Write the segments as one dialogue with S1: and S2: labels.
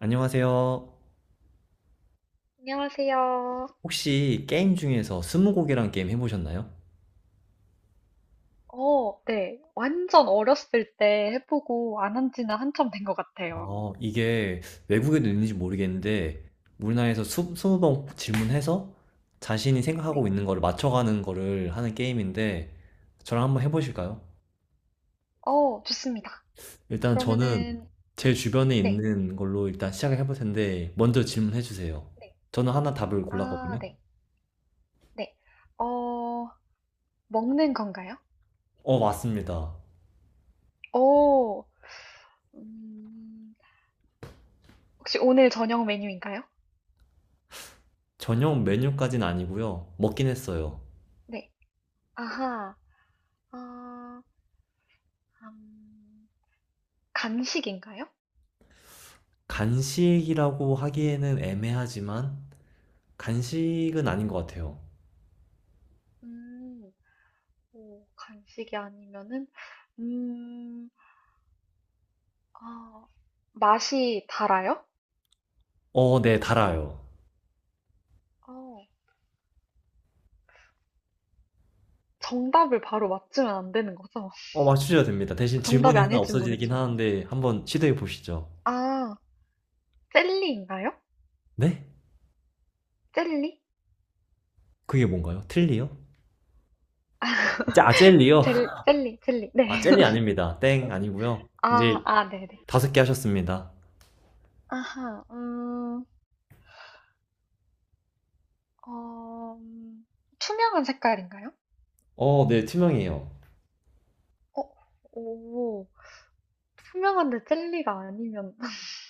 S1: 안녕하세요.
S2: 안녕하세요.
S1: 혹시 게임 중에서 스무고개란 게임 해보셨나요?
S2: 어, 네. 완전 어렸을 때 해보고 안 한 지는 한참 된 것 같아요.
S1: 아, 이게 외국에도 있는지 모르겠는데, 우리나라에서 스무 번 질문해서 자신이 생각하고
S2: 네.
S1: 있는 거를 맞춰가는 거를 하는 게임인데, 저랑 한번 해보실까요?
S2: 어, 좋습니다.
S1: 일단 저는
S2: 그러면은,
S1: 제 주변에
S2: 네.
S1: 있는 걸로 일단 시작을 해볼 텐데, 먼저 질문해주세요.
S2: 네.
S1: 저는 하나 답을
S2: 아,
S1: 골랐거든요.
S2: 네. 네. 어, 먹는 건가요?
S1: 어, 맞습니다.
S2: 어, 음, 혹시 오늘 저녁 메뉴인가요?
S1: 저녁 메뉴까지는 아니고요. 먹긴 했어요.
S2: 네. 아하. 아, 음, 간식인가요?
S1: 간식이라고 하기에는 애매하지만, 간식은 아닌 것 같아요.
S2: 음, 오, 간식이 아니면은, 음, 아, 맛이 달아요?
S1: 어, 네, 달아요.
S2: 어, 정답을 바로 맞추면 안 되는 거죠?
S1: 어, 맞추셔도 됩니다. 대신
S2: 정답이
S1: 질문이 하나
S2: 아닐지
S1: 없어지긴
S2: 모르지만.
S1: 하는데 한번 시도해 보시죠.
S2: 아, 젤리인가요?
S1: 네?
S2: 젤리?
S1: 그게 뭔가요? 틀리요?
S2: 아,
S1: 아, 젤리요?
S2: 젤리, 젤리. 네.
S1: 아, 젤리 아닙니다. 땡, 아니고요.
S2: 아,
S1: 이제
S2: 아, 네네. 네. 네.
S1: 다섯 개 하셨습니다.
S2: 아하, 어, 투명한 색깔인가요?
S1: 어, 네, 투명해요.
S2: 어, 오, 투명한데 젤리가 아니면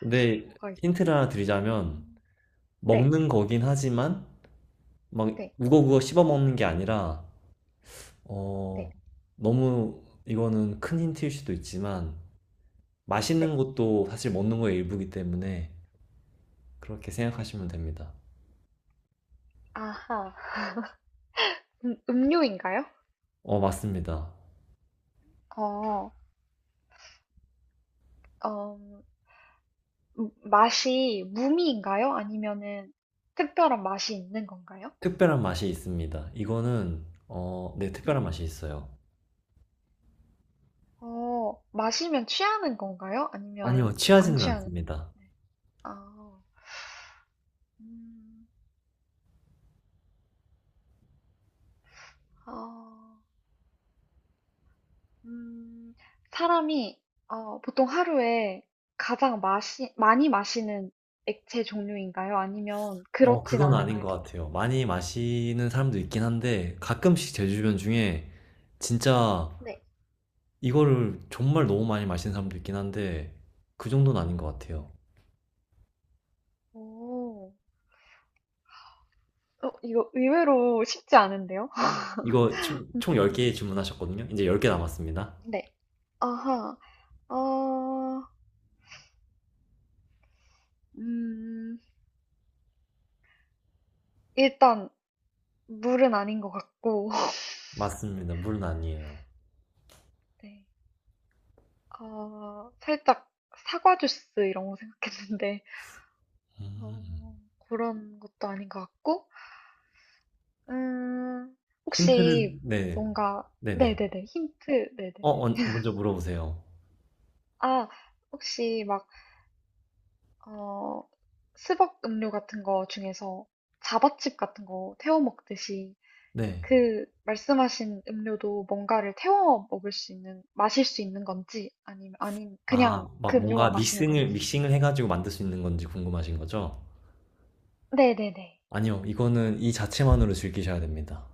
S1: 근데
S2: 뭐가
S1: 힌트를
S2: 있지?
S1: 하나 드리자면
S2: 음, 네,
S1: 먹는 거긴 하지만 막
S2: 네,
S1: 우거우거 씹어 먹는 게 아니라 어,
S2: 네,
S1: 너무 이거는 큰 힌트일 수도 있지만 맛있는
S2: 네,
S1: 것도 사실 먹는 거의 일부이기 때문에 그렇게
S2: 네.
S1: 생각하시면 됩니다.
S2: 아하, 음료인가요?
S1: 어, 맞습니다.
S2: 어, 어, 맛이 무미인가요? 아니면은 특별한 맛이 있는 건가요?
S1: 특별한 맛이 있습니다. 이거는, 어, 네,
S2: 네.
S1: 특별한 맛이 있어요.
S2: 어, 마시면 취하는 건가요? 아니면
S1: 아니요,
S2: 안
S1: 취하지는
S2: 취하는?
S1: 않습니다.
S2: 네. 아, 음, 아, 음, 사람이 어, 보통 하루에 가장 많이 마시는 액체 종류인가요? 아니면
S1: 어,
S2: 그렇진
S1: 그건 아닌
S2: 않은가요?
S1: 것 같아요. 많이 마시는 사람도 있긴 한데, 가끔씩 제 주변 중에 진짜
S2: 네.
S1: 이거를 정말 너무 많이 마시는 사람도 있긴 한데, 그 정도는 아닌 것 같아요.
S2: 오, 어, 이거 의외로 쉽지 않은데요?
S1: 이거 총
S2: 음,
S1: 10개 주문하셨거든요? 이제 10개 남았습니다.
S2: 네. 아하. 어, 음, 일단 물은 아닌 것 같고,
S1: 맞습니다. 물은 아니에요.
S2: 네. 어, 살짝 사과 주스 이런 거 생각했는데,
S1: 음.
S2: 어, 그런 것도 아닌 것 같고, 음,
S1: 힌트를,
S2: 혹시
S1: 네,
S2: 뭔가,
S1: 네네.
S2: 네네네, 힌트, 네네.
S1: 어, 먼저 물어보세요.
S2: 아, 혹시 막, 어, 스벅 음료 같은 거 중에서 자바칩 같은 거 태워 먹듯이
S1: 네.
S2: 그 말씀하신 음료도 뭔가를 태워 먹을 수 있는, 마실 수 있는 건지, 아니면, 아닌, 그냥
S1: 아,
S2: 그
S1: 막 뭔가
S2: 음료만 마시는
S1: 믹싱을
S2: 건지.
S1: 믹싱을 해 가지고 만들 수 있는 건지 궁금하신 거죠?
S2: 네네네.
S1: 아니요. 이거는 이 자체만으로 즐기셔야 됩니다.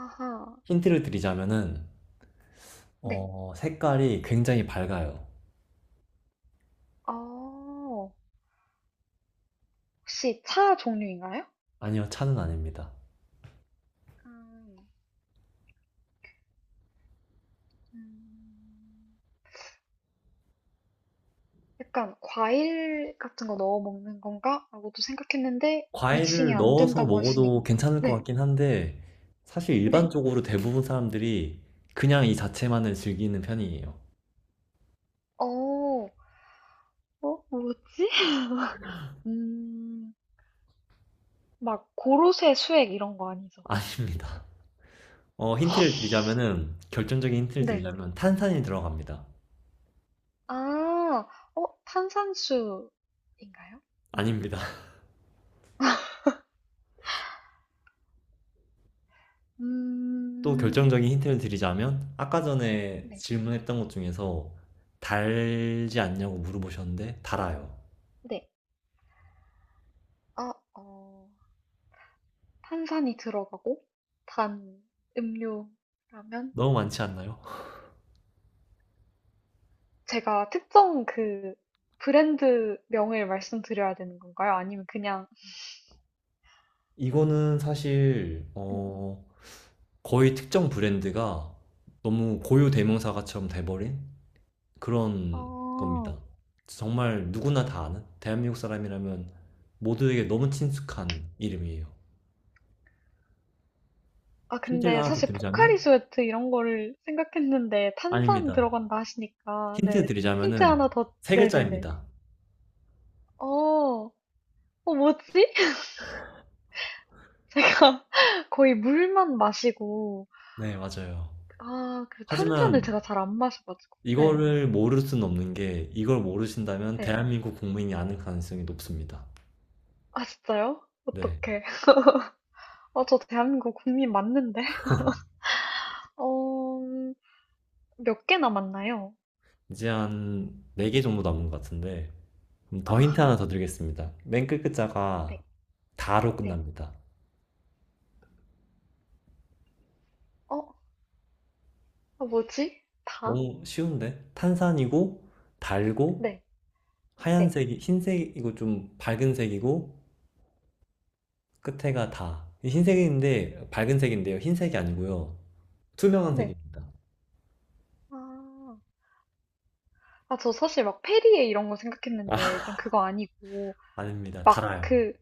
S2: 아하,
S1: 힌트를 드리자면은
S2: 네.
S1: 어, 색깔이 굉장히 밝아요.
S2: 어, 혹시 차 종류인가요?
S1: 아니요. 차는 아닙니다.
S2: 음, 음, 약간 과일 같은 거 넣어 먹는 건가? 라고도 생각했는데, 믹싱이
S1: 과일을
S2: 안
S1: 넣어서
S2: 된다고 하시니까.
S1: 먹어도 괜찮을 것
S2: 네,
S1: 같긴 한데 사실
S2: 네.
S1: 일반적으로 대부분 사람들이 그냥 이 자체만을 즐기는 편이에요.
S2: 어, 어, 뭐지? 음, 막 고로쇠 수액 이런 거 아니죠?
S1: 아닙니다. 어, 힌트를 드리자면은 결정적인 힌트를
S2: 네.
S1: 드리자면 탄산이 들어갑니다.
S2: 아, 어, 탄산수인가요?
S1: 아닙니다. 또
S2: 음,
S1: 결정적인 힌트를 드리자면 아까 전에
S2: 네,
S1: 질문했던 것 중에서 달지 않냐고 물어보셨는데 달아요.
S2: 네. 아, 어, 탄산이 들어가고 단 음료라면
S1: 너무 많지 않나요?
S2: 제가 특정 그 브랜드 명을 말씀드려야 되는 건가요? 아니면 그냥
S1: 이거는 사실
S2: 네.
S1: 어, 거의 특정 브랜드가 너무 고유 대명사가처럼 돼버린 그런
S2: 어,
S1: 겁니다. 정말 누구나 다 아는 대한민국 사람이라면 모두에게 너무 친숙한 이름이에요.
S2: 아,
S1: 힌트를
S2: 근데
S1: 하나 더
S2: 사실
S1: 드리자면
S2: 포카리 스웨트 이런 거를 생각했는데 탄산
S1: 아닙니다.
S2: 들어간다 하시니까
S1: 힌트
S2: 네. 힌트
S1: 드리자면은
S2: 하나 더,
S1: 세
S2: 네네네.
S1: 글자입니다.
S2: 어, 어, 뭐지? 제가 거의 물만 마시고,
S1: 네, 맞아요.
S2: 아, 그 탄산을
S1: 하지만
S2: 제가 잘 안 마셔가지고. 네,
S1: 이거를 모를 수는 없는 게 이걸 모르신다면
S2: 네.
S1: 대한민국 국민이 아는 가능성이 높습니다.
S2: 아, 진짜요?
S1: 네.
S2: 어떡해. 아, 저 대한민국 국민 맞는데? 어, 몇 개 남았나요?
S1: 이제 한 4개 정도 남은 것 같은데 그럼 더 힌트 하나
S2: 아하,
S1: 더 드리겠습니다. 맨 끝 글자가
S2: 네,
S1: 다로
S2: 네.
S1: 끝납니다.
S2: 어, 아, 뭐지? 다?
S1: 너무 쉬운데? 탄산이고 달고
S2: 네, 네,
S1: 하얀색이 흰색이고 좀 밝은 색이고 끝에가 다. 흰색인데 밝은 색인데요. 흰색이 아니고요. 투명한
S2: 네.
S1: 색입니다.
S2: 아, 아, 저 사실 막 페리에 이런 거 생각했는데,
S1: 아,
S2: 일단 그거 아니고,
S1: 아닙니다.
S2: 막
S1: 달아요.
S2: 그,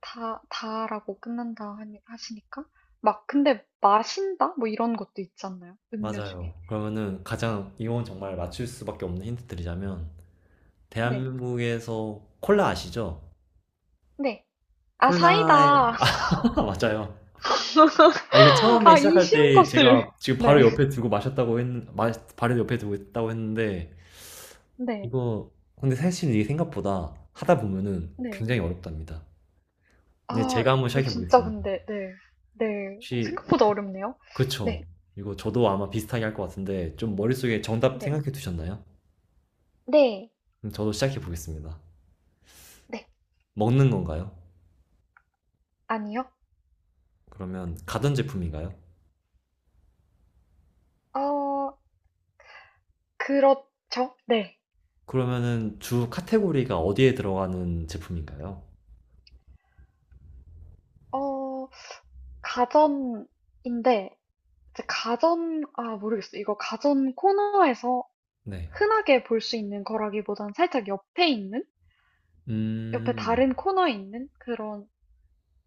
S2: 다라고 끝난다 하니, 하시니까. 막, 근데, 마신다? 뭐 이런 것도 있지 않나요? 음료 중에.
S1: 맞아요. 그러면은 가장 이건 정말 맞출 수밖에 없는 힌트 드리자면
S2: 네.
S1: 대한민국에서 콜라 아시죠?
S2: 네. 아,
S1: 콜라에
S2: 사이다.
S1: 맞아요. 아, 이거 처음에
S2: 아, 이
S1: 시작할
S2: 쉬운
S1: 때
S2: 것을.
S1: 제가 지금 바로
S2: 네.
S1: 옆에 두고 마셨다고 마, 바로 옆에 두고 있다고 했는데
S2: 네.
S1: 이거 근데 사실 이게 생각보다 하다 보면은
S2: 네.
S1: 굉장히 어렵답니다. 이제
S2: 아,
S1: 제가 한번
S2: 이거
S1: 시작해
S2: 진짜
S1: 보겠습니다.
S2: 근데, 네. 네. 어,
S1: 혹시
S2: 생각보다 어렵네요. 네.
S1: 그쵸? 이거 저도 아마 비슷하게 할 것 같은데 좀 머릿속에 정답
S2: 네.
S1: 생각해 두셨나요?
S2: 네.
S1: 그럼 저도 시작해 보겠습니다.
S2: 네.
S1: 먹는 건가요?
S2: 아니요.
S1: 그러면 가전 제품인가요?
S2: 어, 그렇죠. 네.
S1: 그러면은 주 카테고리가 어디에 들어가는 제품인가요?
S2: 어, 가전인데, 이제 가전, 아, 모르겠어요. 이거 가전 코너에서
S1: 네.
S2: 흔하게 볼 수 있는 거라기보단 살짝 옆에 있는, 옆에
S1: 음,
S2: 다른 코너에 있는 그런,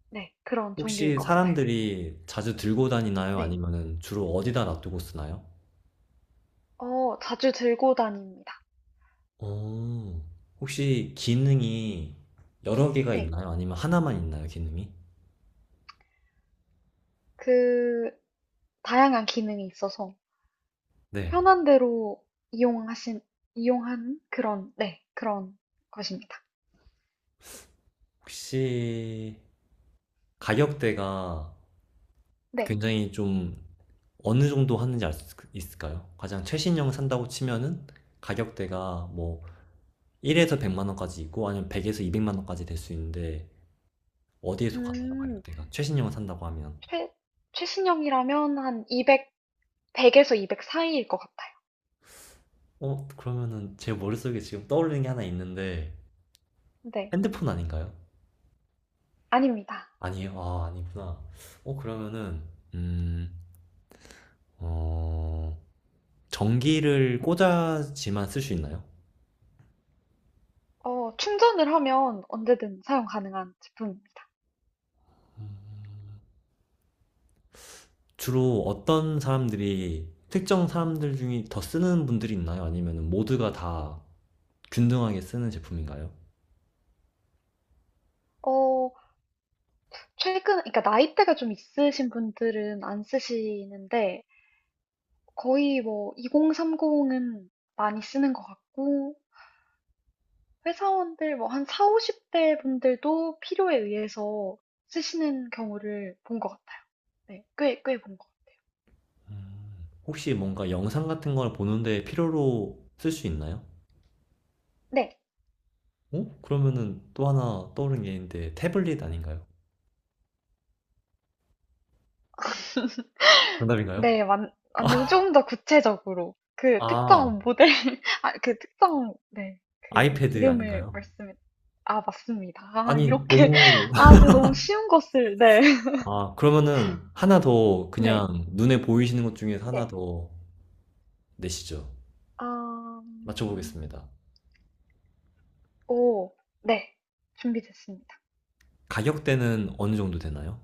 S2: 네, 그런 종류일
S1: 혹시
S2: 것 같아요.
S1: 사람들이 자주 들고 다니나요?
S2: 네,
S1: 아니면은 주로 어디다 놔두고 쓰나요?
S2: 어, 자주 들고 다닙니다.
S1: 어, 혹시 기능이 여러 개가
S2: 네,
S1: 있나요? 아니면 하나만 있나요, 기능이?
S2: 그, 다양한 기능이 있어서
S1: 네.
S2: 편한 대로 이용하신, 이용한 그런, 네, 그런 것입니다.
S1: 혹시 가격대가
S2: 네,
S1: 굉장히 좀 어느 정도 하는지 알 수 있을까요? 가장 최신형 산다고 치면은 가격대가 뭐 1에서 100만 원까지 있고 아니면 100에서 200만 원까지 될 수 있는데 어디에서 가나요,
S2: 음,
S1: 가격대가 최신형을 산다고 하면?
S2: 최, 최신형이라면 한 200, 100에서 200 사이일 것 같아요.
S1: 어, 그러면은 제 머릿속에 지금 떠오르는 게 하나 있는데
S2: 네,
S1: 핸드폰 아닌가요?
S2: 아닙니다.
S1: 아니에요? 아, 아니구나. 어, 그러면은 음어 전기를 꽂아지만 쓸 수 있나요?
S2: 어, 충전을 하면 언제든 사용 가능한 제품입니다.
S1: 주로 어떤 사람들이 특정 사람들 중에 더 쓰는 분들이 있나요? 아니면 모두가 다 균등하게 쓰는 제품인가요?
S2: 어, 최근, 그러니까 나이대가 좀 있으신 분들은 안 쓰시는데, 거의 뭐, 2030은 많이 쓰는 것 같고, 회사원들 뭐, 한 4, 50대 분들도 필요에 의해서 쓰시는 경우를 본 것 같아요. 네, 꽤 본 것 같아요.
S1: 혹시 뭔가 영상 같은 걸 보는데 필요로 쓸 수 있나요?
S2: 네,
S1: 어? 그러면은 또 하나 떠오른 게 있는데 태블릿 아닌가요? 정답인가요?
S2: 네, 맞는데 조금 더 구체적으로, 그
S1: 아,
S2: 특정 모델, 아, 그 특정, 네, 그
S1: 아이패드
S2: 이름을
S1: 아닌가요?
S2: 말씀해, 아, 맞습니다. 아,
S1: 아니,
S2: 이렇게,
S1: 너무,
S2: 아, 제가 너무 쉬운 것을, 네.
S1: 아, 그러면은 하나 더
S2: 네.
S1: 그냥 눈에 보이시는 것 중에서 하나
S2: 네.
S1: 더 내시죠.
S2: 아
S1: 맞춰보겠습니다.
S2: 오. 네. 준비됐습니다.
S1: 가격대는 어느 정도 되나요?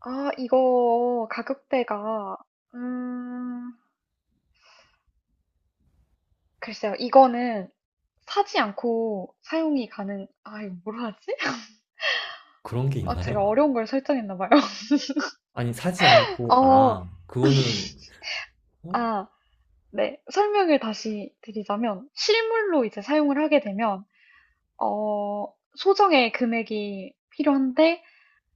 S2: 아 이거 가격대가 음 글쎄요. 이거는 사지 않고 사용이 가능 아 이거 뭐라 하지?
S1: 그런 게
S2: 아 제가
S1: 있나요?
S2: 어려운 걸 설정했나 봐요.
S1: 아니, 사지 않고,
S2: 어.
S1: 아, 그거는, 어?
S2: 아 네. 설명을 다시 드리자면 실물로 이제 사용을 하게 되면 어 소정의 금액이 필요한데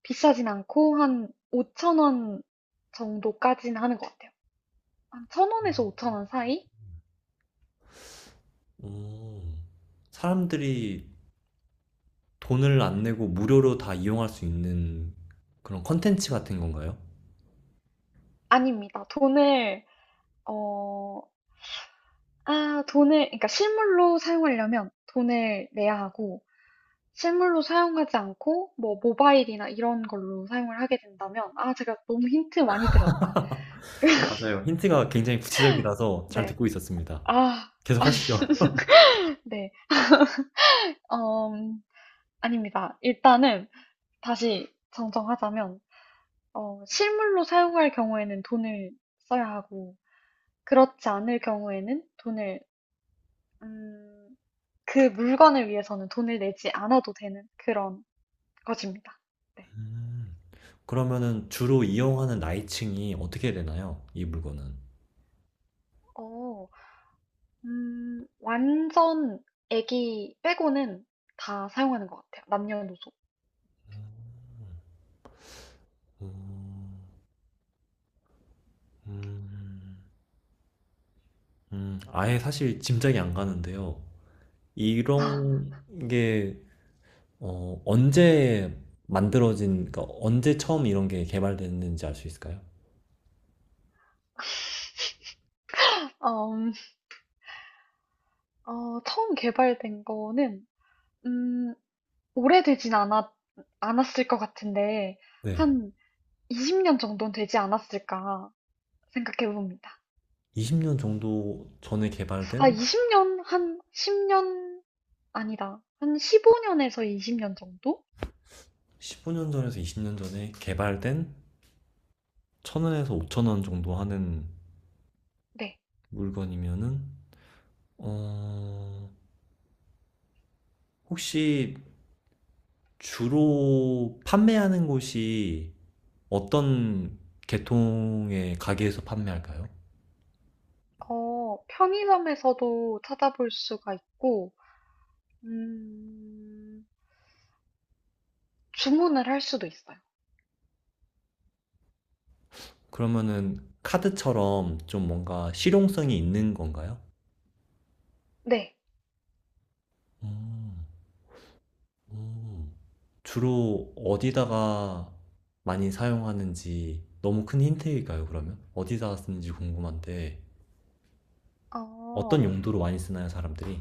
S2: 비싸진 않고 한 5천 원 정도까지는 하는 것 같아요. 한 1,000원에서 5,000원 사이?
S1: 음, 사람들이 돈을 안 내고 무료로 다 이용할 수 있는 그런 컨텐츠 같은 건가요?
S2: 아닙니다. 돈을 어, 아, 돈을, 그러니까 실물로 사용하려면 돈을 내야 하고, 실물로 사용하지 않고, 뭐, 모바일이나 이런 걸로 사용을 하게 된다면, 아, 제가 너무 힌트 많이 들었다.
S1: 맞아요. 힌트가 굉장히 구체적이라서 잘
S2: 네.
S1: 듣고 있었습니다.
S2: 아, 아,
S1: 계속 하시죠.
S2: 네. 음, 아닙니다. 일단은 다시 정정하자면, 어, 실물로 사용할 경우에는 돈을 써야 하고, 그렇지 않을 경우에는 돈을, 음, 그 물건을 위해서는 돈을 내지 않아도 되는 그런 것입니다. 네.
S1: 음, 그러면은 주로 이용하는 나이층이 어떻게 되나요, 이 물건은?
S2: 어, 완전 애기 빼고는 다 사용하는 것 같아요. 남녀노소.
S1: 음, 음, 아예 사실 짐작이 안 가는데요. 이런 게 어, 언제 만들어진, 그러니까 언제 처음 이런 게 개발됐는지 알 수 있을까요?
S2: 어, 어, 처음 개발된 거는, 음, 오래되진 않았, 않았을 것 같은데,
S1: 네.
S2: 한 20년 정도는 되지 않았을까 생각해 봅니다.
S1: 20년 정도 전에
S2: 아,
S1: 개발된
S2: 20년? 한 10년? 아니다. 한 15년에서 20년 정도?
S1: 15년 전에서 20년 전에 개발된 1,000원에서 5,000원 정도 하는
S2: 네.
S1: 물건이면은 어, 혹시 주로 판매하는 곳이 어떤 계통의 가게에서 판매할까요?
S2: 어, 편의점에서도 찾아볼 수가 있고, 음, 주문을 할 수도 있어요.
S1: 그러면은 카드처럼 좀 뭔가 실용성이 있는 건가요?
S2: 네.
S1: 음, 음. 주로 어디다가 많이 사용하는지 너무 큰 힌트일까요, 그러면? 어디다가 쓰는지 궁금한데.
S2: 어,
S1: 어떤 용도로 많이 쓰나요, 사람들이?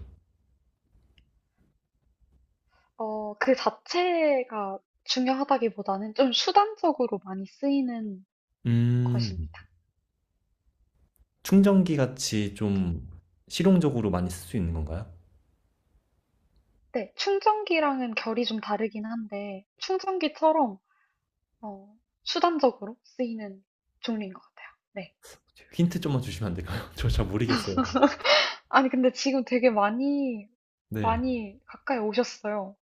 S2: 어, 그 자체가 중요하다기보다는 좀 수단적으로 많이 쓰이는
S1: 음,
S2: 것입니다.
S1: 충전기 같이 좀 실용적으로 많이 쓸 수 있는 건가요?
S2: 네. 충전기랑은 결이 좀 다르긴 한데, 충전기처럼, 어, 수단적으로 쓰이는 종류인 것 같아요. 네.
S1: 힌트 좀만 주시면 안 될까요? 저 잘 모르겠어요.
S2: 아니, 근데 지금 되게 많이,
S1: 네.
S2: 많이 가까이 오셨어요.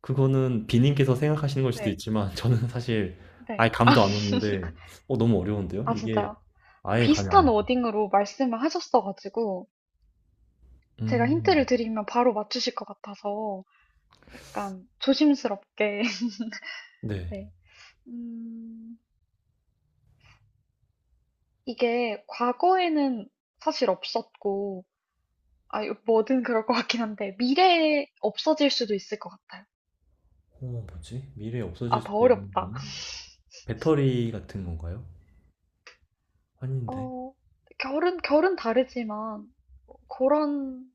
S1: 그거는 비님께서 생각하시는 걸 수도
S2: 네,
S1: 있지만, 저는 사실
S2: 네.
S1: 아예 감도 안 오는데, 어, 너무 어려운데요?
S2: 아,
S1: 이게
S2: 진짜요? 아,
S1: 아예 감이 안
S2: 비슷한
S1: 와요.
S2: 워딩으로 말씀을 하셨어가지고, 제가
S1: 음,
S2: 힌트를 드리면 바로 맞추실 것 같아서, 약간 조심스럽게.
S1: 네.
S2: 네. 음, 이게 과거에는 사실 없었고, 아, 이거 뭐든 그럴 것 같긴 한데, 미래에 없어질 수도 있을 것 같아요.
S1: 어, 뭐지? 미래에 없어질
S2: 아, 더
S1: 수도 있는
S2: 어렵다.
S1: 건? 배터리 같은 건가요? 아닌데.
S2: 어, 결은 다르지만, 뭐 그런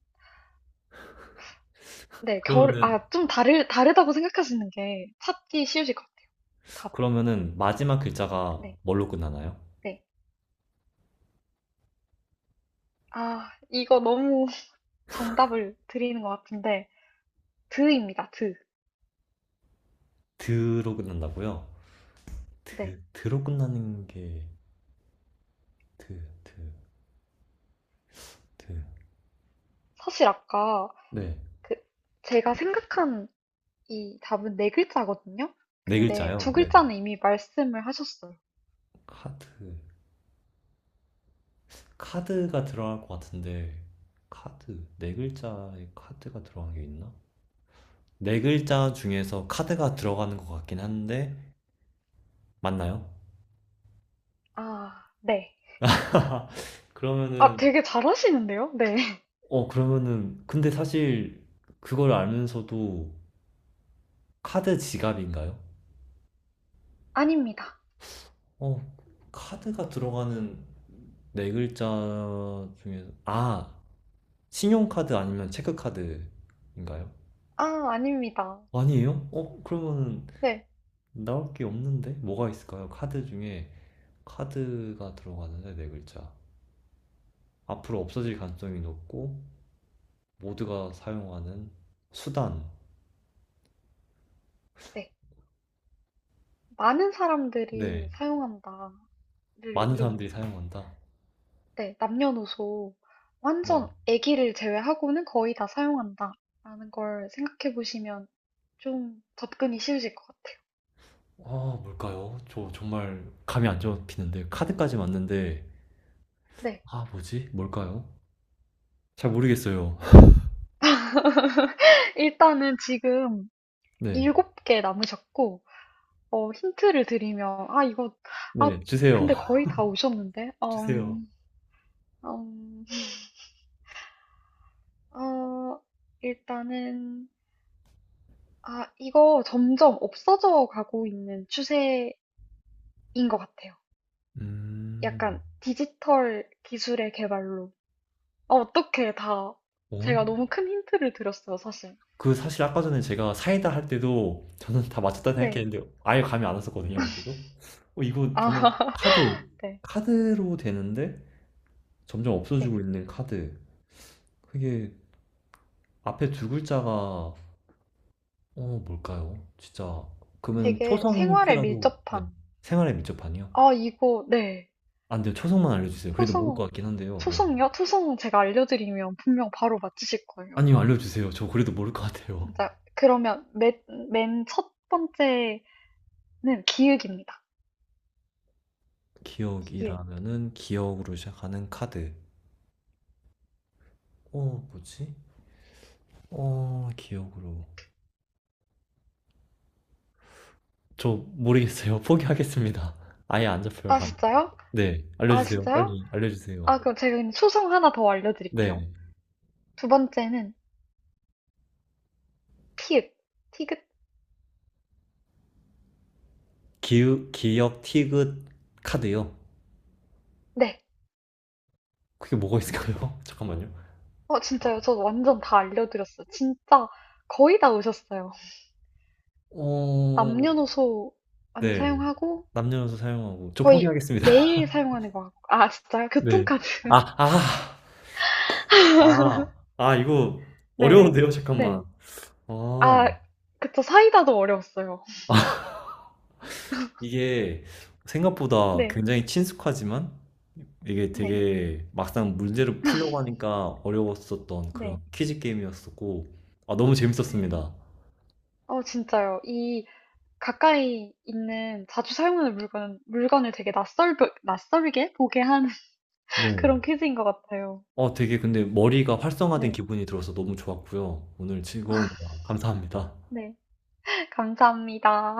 S2: 네, 결,
S1: 그러면은,
S2: 아, 다르다고 생각하시는 게 찾기 쉬우실 것 같아요. 답을.
S1: 그러면은 마지막 글자가
S2: 네,
S1: 뭘로 끝나나요?
S2: 네. 아, 이거 너무 정답을 드리는 것 같은데, 드입니다, 드.
S1: 드로 끝난다고요?
S2: 네.
S1: 드, 드로 끝나는 게 드, 드, 드.
S2: 사실 아까
S1: 네.
S2: 그, 제가 생각한 이 답은 네 글자거든요?
S1: 네
S2: 근데 두
S1: 글자요. 네.
S2: 글자는 이미 말씀을 하셨어요.
S1: 카드. 카드가 들어갈 것 같은데 카드. 네 글자에 카드가 들어간 게 있나? 네 글자 중에서 카드가 들어가는 것 같긴 한데 맞나요?
S2: 아, 네. 아,
S1: 그러면은
S2: 되게 잘하시는데요? 네.
S1: 어, 그러면은 근데 사실 그걸 알면서도 카드 지갑인가요?
S2: 아닙니다.
S1: 어, 카드가 들어가는 네 글자 중에서 아, 신용카드 아니면 체크카드인가요?
S2: 아, 아닙니다.
S1: 아니에요? 어, 그러면
S2: 네,
S1: 나올 게 없는데? 뭐가 있을까요? 카드 중에 카드가 들어가는데 네 글자. 앞으로 없어질 가능성이 높고 모두가 사용하는 수단.
S2: 네. 많은 사람들이
S1: 네.
S2: 사용한다를
S1: 많은 사람들이
S2: 좀
S1: 사용한다.
S2: 네, 남녀노소
S1: 네.
S2: 완전 아기를 제외하고는 거의 다 사용한다. 라는 걸 생각해 보시면 좀 접근이 쉬우실 것 같아요.
S1: 아, 뭘까요? 저 정말 감이 안 잡히는데 카드까지 맞는데
S2: 네.
S1: 아, 뭐지? 뭘까요? 잘 모르겠어요.
S2: 일단은 지금
S1: 네.
S2: 일곱 개 남으셨고, 어, 힌트를 드리면, 아, 이거, 아,
S1: 네, 주세요.
S2: 근데 거의 다 오셨는데,
S1: 주세요.
S2: 음, 어, 일단은, 아, 이거 점점 없어져 가고 있는 추세인 것 같아요.
S1: 음.
S2: 약간 디지털 기술의 개발로. 아, 어떻게 다. 제가
S1: 어?
S2: 너무 큰 힌트를 드렸어요, 사실.
S1: 그 사실 아까 전에 제가 사이다 할 때도 저는 다 맞췄다
S2: 네.
S1: 생각했는데 아예 감이 안 왔었거든요, 그때도. 어, 이거
S2: 아,
S1: 정말 카드,
S2: 네.
S1: 카드로 되는데 점점
S2: 네.
S1: 없어지고 있는 카드. 그게 앞에 두 글자가, 어, 뭘까요, 진짜? 그러면
S2: 되게
S1: 초성
S2: 생활에
S1: 힌트라도, 네.
S2: 밀접한.
S1: 생활에 밀접하니요?
S2: 아, 이거, 네.
S1: 안 돼요. 초성만 알려주세요. 그래도 모를
S2: 초성,
S1: 것 같긴 한데요. 네.
S2: 초성이요? 초성 제가 알려드리면 분명 바로 맞추실 거예요.
S1: 아니요, 알려주세요. 저 그래도 모를 것 같아요.
S2: 진짜. 그러면 맨 첫 번째는 기읍입니다. 기읍.
S1: 기억이라면은 기억으로 시작하는 카드. 어, 뭐지? 어, 기억으로. 저 모르겠어요. 포기하겠습니다. 아예 안 잡혀요,
S2: 아,
S1: 감.
S2: 진짜요?
S1: 네,
S2: 아,
S1: 알려주세요.
S2: 진짜요?
S1: 빨리 알려주세요.
S2: 아, 그럼 제가 그냥 초성 하나 더 알려드릴게요.
S1: 네,
S2: 두 번째는 피읍. 티귿.
S1: 기우, 기역 티귿 카드요.
S2: 네.
S1: 그게 뭐가 있을까요? 잠깐만요.
S2: 어, 진짜요? 저 완전 다 알려드렸어요. 진짜 거의 다 오셨어요.
S1: 어,
S2: 남녀노소 많이
S1: 네,
S2: 사용하고
S1: 남녀노소 사용하고 저
S2: 거의
S1: 포기하겠습니다.
S2: 매일 사용하는 것 같고. 아, 진짜요?
S1: 네,
S2: 교통카드.
S1: 아, 아, 아, 아 이거
S2: 네.
S1: 어려운데요. 잠깐만.
S2: 네.
S1: 아,
S2: 아, 그쵸. 사이다도 어려웠어요.
S1: 이게 생각보다
S2: 네.
S1: 굉장히 친숙하지만 이게
S2: 네.
S1: 되게 막상 문제를 풀려고 하니까 어려웠었던 그런
S2: 네.
S1: 퀴즈 게임이었었고 아, 너무
S2: 네.
S1: 재밌었습니다.
S2: 어, 진짜요. 이 가까이 있는 자주 사용하는 물건, 물건을 되게 낯설게 보게 하는 그런
S1: 네.
S2: 퀴즈인 것 같아요.
S1: 어, 되게 근데 머리가 활성화된
S2: 네.
S1: 기분이 들어서 너무 좋았고요. 오늘 즐거운 대화 감사합니다.
S2: 네. 감사합니다.